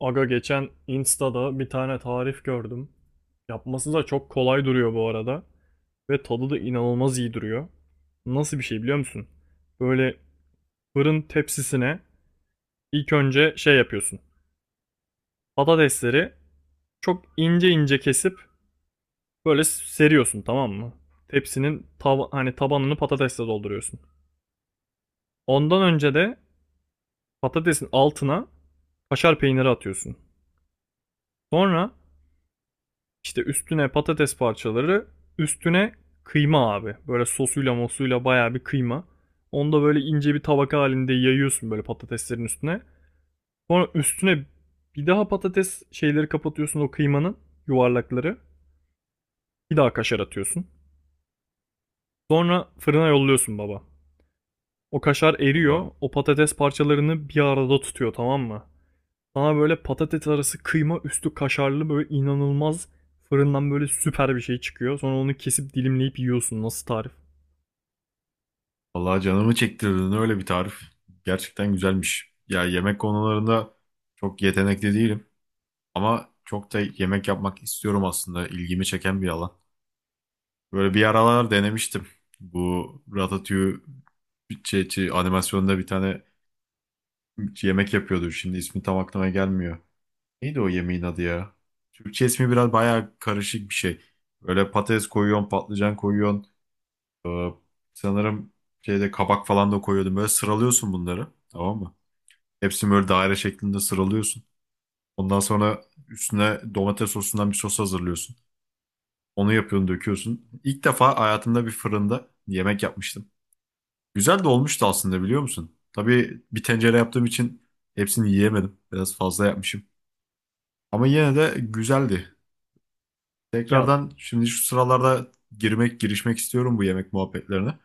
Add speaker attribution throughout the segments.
Speaker 1: Aga geçen Insta'da bir tane tarif gördüm. Yapması da çok kolay duruyor bu arada. Ve tadı da inanılmaz iyi duruyor. Nasıl bir şey biliyor musun? Böyle fırın tepsisine ilk önce şey yapıyorsun. Patatesleri çok ince ince kesip böyle seriyorsun, tamam mı? Tepsinin hani tabanını patatesle dolduruyorsun. Ondan önce de patatesin altına kaşar peyniri atıyorsun. Sonra İşte üstüne patates parçaları, üstüne kıyma abi. Böyle sosuyla mosuyla bayağı bir kıyma. Onu da böyle ince bir tabaka halinde yayıyorsun böyle patateslerin üstüne. Sonra üstüne bir daha patates şeyleri kapatıyorsun, o kıymanın yuvarlakları. Bir daha kaşar atıyorsun. Sonra fırına yolluyorsun baba. O kaşar eriyor.
Speaker 2: Valla,
Speaker 1: O patates parçalarını bir arada tutuyor, tamam mı? Sana böyle patates arası, kıyma üstü kaşarlı, böyle inanılmaz fırından böyle süper bir şey çıkıyor. Sonra onu kesip dilimleyip yiyorsun. Nasıl tarif?
Speaker 2: vallahi canımı çektirdin öyle bir tarif. Gerçekten güzelmiş. Ya yemek konularında çok yetenekli değilim. Ama çok da yemek yapmak istiyorum aslında. İlgimi çeken bir alan. Böyle bir aralar denemiştim. Bu Ratatouille animasyonda bir tane yemek yapıyordu. Şimdi ismi tam aklıma gelmiyor. Neydi o yemeğin adı ya? Türkçe ismi biraz bayağı karışık bir şey. Böyle patates koyuyorsun, patlıcan koyuyorsun. Ee, sanırım şeyde kabak falan da koyuyordum. Böyle sıralıyorsun bunları. Tamam mı? Hepsini böyle daire şeklinde sıralıyorsun. Ondan sonra üstüne domates sosundan bir sos hazırlıyorsun. Onu yapıyorsun, döküyorsun. İlk defa hayatımda bir fırında yemek yapmıştım. Güzel de olmuştu aslında biliyor musun? Tabii bir tencere yaptığım için hepsini yiyemedim. Biraz fazla yapmışım. Ama yine de güzeldi.
Speaker 1: Ya
Speaker 2: Tekrardan şimdi şu sıralarda girişmek istiyorum bu yemek muhabbetlerine.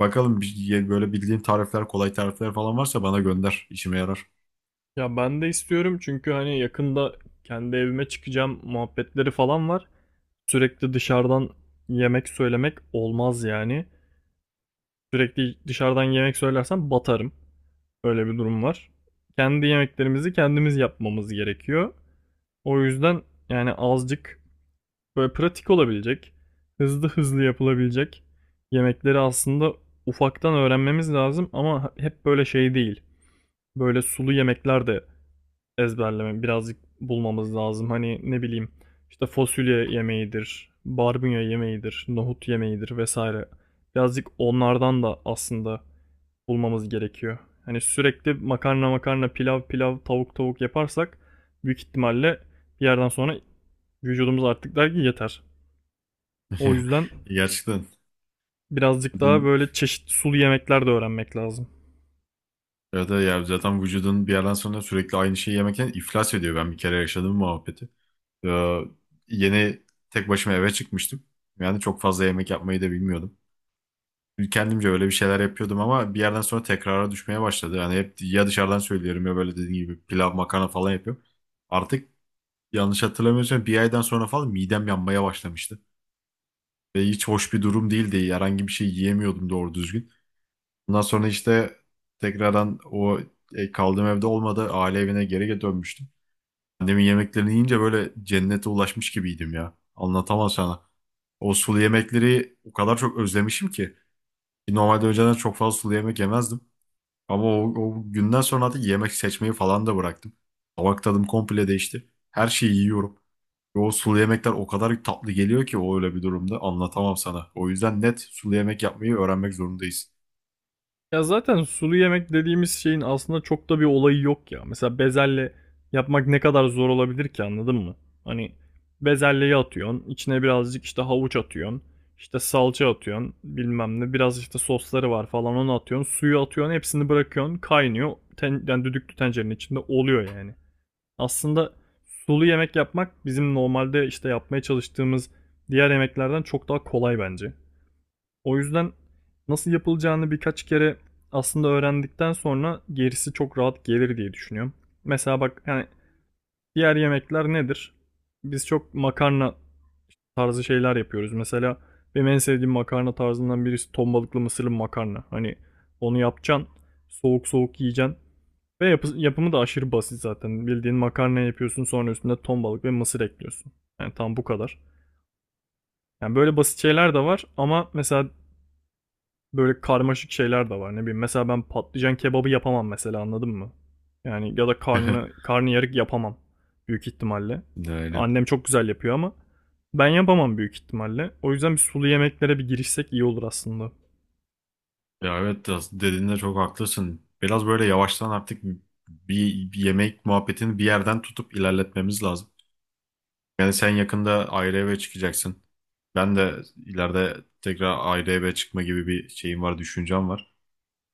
Speaker 2: Bakalım böyle bildiğin tarifler, kolay tarifler falan varsa bana gönder. İşime yarar.
Speaker 1: ya ben de istiyorum, çünkü hani yakında kendi evime çıkacağım muhabbetleri falan var. Sürekli dışarıdan yemek söylemek olmaz yani. Sürekli dışarıdan yemek söylersem batarım. Öyle bir durum var. Kendi yemeklerimizi kendimiz yapmamız gerekiyor. O yüzden yani azıcık böyle pratik olabilecek, hızlı hızlı yapılabilecek yemekleri aslında ufaktan öğrenmemiz lazım, ama hep böyle şey değil. Böyle sulu yemekler de ezberleme birazcık bulmamız lazım. Hani ne bileyim, işte fasulye yemeğidir, barbunya yemeğidir, nohut yemeğidir vesaire. Birazcık onlardan da aslında bulmamız gerekiyor. Hani sürekli makarna makarna, pilav pilav, tavuk tavuk yaparsak büyük ihtimalle bir yerden sonra vücudumuz artık der ki yeter. O yüzden
Speaker 2: Gerçekten.
Speaker 1: birazcık daha
Speaker 2: Vücudun,
Speaker 1: böyle çeşitli sulu yemekler de öğrenmek lazım.
Speaker 2: evet, evet ya zaten vücudun bir yerden sonra sürekli aynı şeyi yemekten iflas ediyor. Ben bir kere yaşadığım muhabbeti. Ee, yeni tek başıma eve çıkmıştım. Yani çok fazla yemek yapmayı da bilmiyordum. Kendimce öyle bir şeyler yapıyordum ama bir yerden sonra tekrara düşmeye başladı. Yani hep ya dışarıdan söylüyorum ya böyle dediğin gibi pilav, makarna falan yapıyorum. Artık yanlış hatırlamıyorsam bir aydan sonra falan midem yanmaya başlamıştı. Ve hiç hoş bir durum değildi. Herhangi bir şey yiyemiyordum doğru düzgün. Ondan sonra işte tekrardan kaldığım evde olmadı. Aile evine geri dönmüştüm. Annemin yemeklerini yiyince böyle cennete ulaşmış gibiydim ya. Anlatamam sana. O sulu yemekleri o kadar çok özlemişim ki. Normalde önceden çok fazla sulu yemek yemezdim. Ama o günden sonra artık yemek seçmeyi falan da bıraktım. Tabak tadım komple değişti. Her şeyi yiyorum. O sulu yemekler o kadar tatlı geliyor ki o öyle bir durumda anlatamam sana. O yüzden net sulu yemek yapmayı öğrenmek zorundayız.
Speaker 1: Ya zaten sulu yemek dediğimiz şeyin aslında çok da bir olayı yok ya. Mesela bezelye yapmak ne kadar zor olabilir ki, anladın mı? Hani bezelyeyi atıyorsun, içine birazcık işte havuç atıyorsun, işte salça atıyorsun, bilmem ne, biraz işte sosları var falan onu atıyorsun, suyu atıyorsun, hepsini bırakıyorsun, kaynıyor. Yani düdüklü tencerenin içinde oluyor yani. Aslında sulu yemek yapmak bizim normalde işte yapmaya çalıştığımız diğer yemeklerden çok daha kolay bence. O yüzden nasıl yapılacağını birkaç kere aslında öğrendikten sonra gerisi çok rahat gelir diye düşünüyorum. Mesela bak yani, diğer yemekler nedir? Biz çok makarna tarzı şeyler yapıyoruz. Mesela benim en sevdiğim makarna tarzından birisi ton balıklı mısırlı makarna. Hani onu yapacaksın, soğuk soğuk yiyeceksin. Ve yapımı da aşırı basit zaten. Bildiğin makarna yapıyorsun, sonra üstüne ton balık ve mısır ekliyorsun. Yani tam bu kadar. Yani böyle basit şeyler de var, ama mesela böyle karmaşık şeyler de var. Ne bileyim mesela, ben patlıcan kebabı yapamam mesela, anladın mı? Yani ya da karnıyarık yapamam büyük ihtimalle.
Speaker 2: Aynen.
Speaker 1: Annem çok güzel yapıyor, ama ben yapamam büyük ihtimalle. O yüzden bir sulu yemeklere bir girişsek iyi olur aslında.
Speaker 2: Ya evet biraz dediğinde çok haklısın. Biraz böyle yavaştan artık bir yemek muhabbetini bir yerden tutup ilerletmemiz lazım. Yani sen yakında ayrı eve çıkacaksın. Ben de ileride tekrar ayrı eve çıkma gibi bir şeyim var, düşüncem var.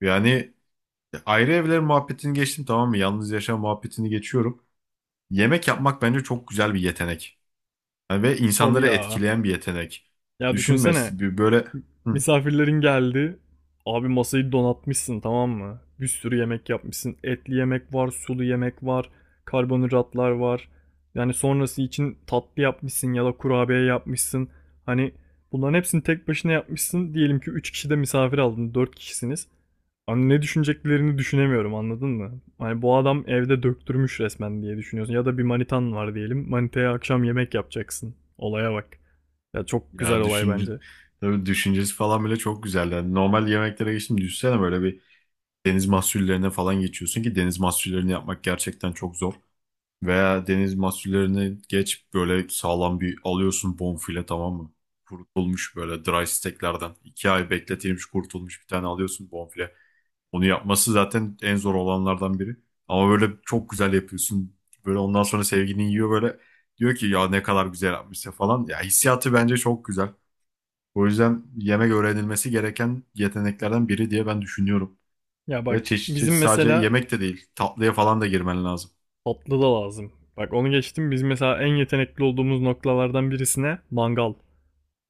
Speaker 2: Yani ayrı evler muhabbetini geçtim tamam mı? Yalnız yaşam muhabbetini geçiyorum. Yemek yapmak bence çok güzel bir yetenek. Yani ve
Speaker 1: Tabii
Speaker 2: insanları
Speaker 1: ya.
Speaker 2: etkileyen bir yetenek.
Speaker 1: Ya düşünsene,
Speaker 2: Düşünmez bir böyle. Hı.
Speaker 1: misafirlerin geldi. Abi, masayı donatmışsın, tamam mı? Bir sürü yemek yapmışsın. Etli yemek var, sulu yemek var, karbonhidratlar var. Yani sonrası için tatlı yapmışsın ya da kurabiye yapmışsın. Hani bunların hepsini tek başına yapmışsın. Diyelim ki 3 kişi de misafir aldın, dört kişisiniz. Hani ne düşüneceklerini düşünemiyorum, anladın mı? Hani bu adam evde döktürmüş resmen diye düşünüyorsun. Ya da bir manitan var diyelim. Manitaya akşam yemek yapacaksın. Olaya bak. Ya çok güzel
Speaker 2: Ya
Speaker 1: olay
Speaker 2: düşünce
Speaker 1: bence.
Speaker 2: tabii düşüncesi falan bile çok güzel. Yani normal yemeklere geçtim düşünsene böyle bir deniz mahsullerine falan geçiyorsun ki deniz mahsullerini yapmak gerçekten çok zor. Veya deniz mahsullerini geç böyle sağlam bir alıyorsun bonfile tamam mı? Kurutulmuş böyle dry steaklerden. 2 ay bekletilmiş kurutulmuş bir tane alıyorsun bonfile. Onu yapması zaten en zor olanlardan biri. Ama böyle çok güzel yapıyorsun. Böyle ondan sonra sevgilin yiyor böyle. Diyor ki ya ne kadar güzel yapmışsın falan. Ya hissiyatı bence çok güzel. O yüzden yemek öğrenilmesi gereken yeteneklerden biri diye ben düşünüyorum.
Speaker 1: Ya
Speaker 2: Böyle
Speaker 1: bak,
Speaker 2: çeşit
Speaker 1: bizim
Speaker 2: çeşit sadece
Speaker 1: mesela
Speaker 2: yemek de değil. Tatlıya falan da girmen lazım.
Speaker 1: tatlı da lazım. Bak, onu geçtim. Biz mesela en yetenekli olduğumuz noktalardan birisine mangal.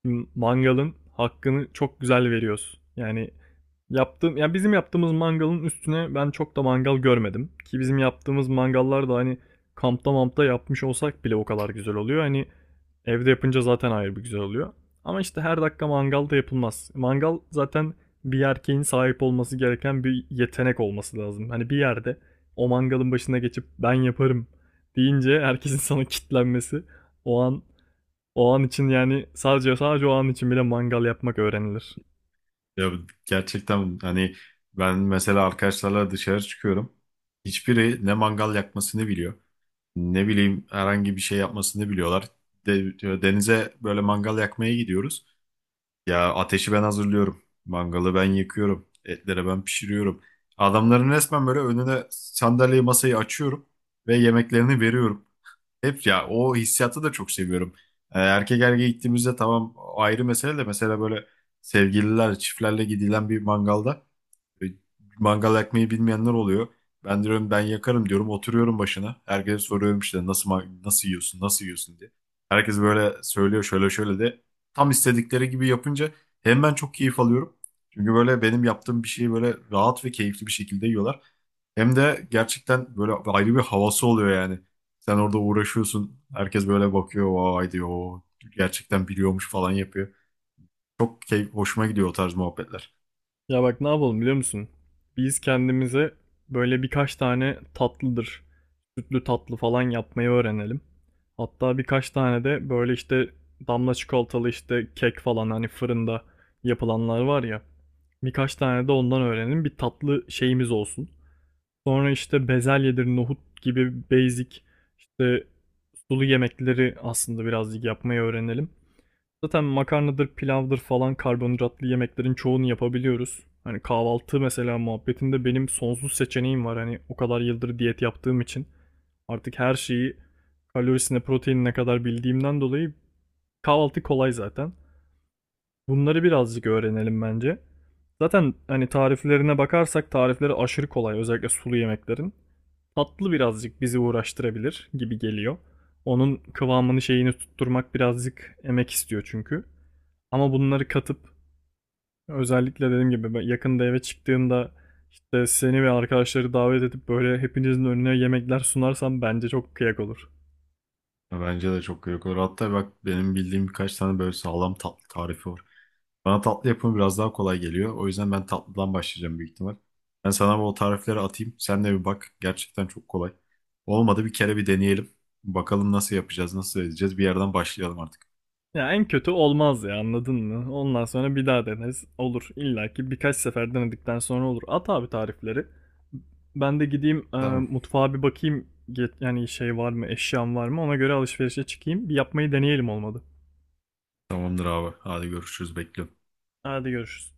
Speaker 1: Mangalın hakkını çok güzel veriyoruz. Yani ya bizim yaptığımız mangalın üstüne ben çok da mangal görmedim, ki bizim yaptığımız mangallar da hani kampta mampta yapmış olsak bile o kadar güzel oluyor. Hani evde yapınca zaten ayrı bir güzel oluyor. Ama işte her dakika mangal da yapılmaz. Mangal zaten bir erkeğin sahip olması gereken bir yetenek olması lazım. Hani bir yerde o mangalın başına geçip ben yaparım deyince herkesin sana kitlenmesi, o an, o an için, yani sadece sadece o an için bile mangal yapmak öğrenilir.
Speaker 2: Ya gerçekten hani ben mesela arkadaşlarla dışarı çıkıyorum. Hiçbiri ne mangal yakmasını biliyor. Ne bileyim herhangi bir şey yapmasını biliyorlar. Diyor, denize böyle mangal yakmaya gidiyoruz. Ya ateşi ben hazırlıyorum. Mangalı ben yakıyorum. Etleri ben pişiriyorum. Adamların resmen böyle önüne sandalyeyi masayı açıyorum ve yemeklerini veriyorum. Hep ya o hissiyatı da çok seviyorum. Erkek erkeğe gittiğimizde tamam ayrı mesele de mesela böyle sevgililer çiftlerle gidilen bir mangalda e, mangal yakmayı bilmeyenler oluyor. Ben diyorum ben yakarım diyorum oturuyorum başına. Herkese soruyorum işte nasıl nasıl yiyorsun nasıl yiyorsun diye. Herkes böyle söylüyor şöyle şöyle de tam istedikleri gibi yapınca hem ben çok keyif alıyorum. Çünkü böyle benim yaptığım bir şeyi böyle rahat ve keyifli bir şekilde yiyorlar. Hem de gerçekten böyle ayrı bir havası oluyor yani. Sen orada uğraşıyorsun. Herkes böyle bakıyor. Vay diyor. "O gerçekten biliyormuş" falan yapıyor. Hoşuma gidiyor o tarz muhabbetler.
Speaker 1: Ya bak ne yapalım biliyor musun? Biz kendimize böyle birkaç tane tatlıdır, sütlü tatlı falan yapmayı öğrenelim. Hatta birkaç tane de böyle işte damla çikolatalı işte kek falan, hani fırında yapılanlar var ya. Birkaç tane de ondan öğrenelim. Bir tatlı şeyimiz olsun. Sonra işte bezelyedir, nohut gibi basic işte sulu yemekleri aslında birazcık yapmayı öğrenelim. Zaten makarnadır, pilavdır falan karbonhidratlı yemeklerin çoğunu yapabiliyoruz. Hani kahvaltı mesela muhabbetinde benim sonsuz seçeneğim var. Hani o kadar yıldır diyet yaptığım için artık her şeyi kalorisine, proteinine kadar bildiğimden dolayı kahvaltı kolay zaten. Bunları birazcık öğrenelim bence. Zaten hani tariflerine bakarsak tarifleri aşırı kolay, özellikle sulu yemeklerin. Tatlı birazcık bizi uğraştırabilir gibi geliyor. Onun kıvamını, şeyini tutturmak birazcık emek istiyor çünkü. Ama bunları katıp, özellikle dediğim gibi ben yakında eve çıktığımda işte seni ve arkadaşları davet edip böyle hepinizin önüne yemekler sunarsam bence çok kıyak olur.
Speaker 2: Ya bence de çok gerek olur. Hatta bak benim bildiğim birkaç tane böyle sağlam tatlı tarifi var. Bana tatlı yapımı biraz daha kolay geliyor. O yüzden ben tatlıdan başlayacağım büyük ihtimal. Ben sana bu tarifleri atayım. Sen de bir bak. Gerçekten çok kolay. Olmadı bir kere bir deneyelim. Bakalım nasıl yapacağız, nasıl edeceğiz. Bir yerden başlayalım artık.
Speaker 1: Ya en kötü olmaz ya, anladın mı? Ondan sonra bir daha deneriz. Olur. İlla ki birkaç sefer denedikten sonra olur. At abi tarifleri. Ben de gideyim
Speaker 2: Tamam.
Speaker 1: mutfağa bir bakayım. Yani şey var mı, eşyam var mı? Ona göre alışverişe çıkayım. Bir yapmayı deneyelim, olmadı.
Speaker 2: Tamamdır abi. Hadi görüşürüz. Bekliyorum.
Speaker 1: Hadi görüşürüz.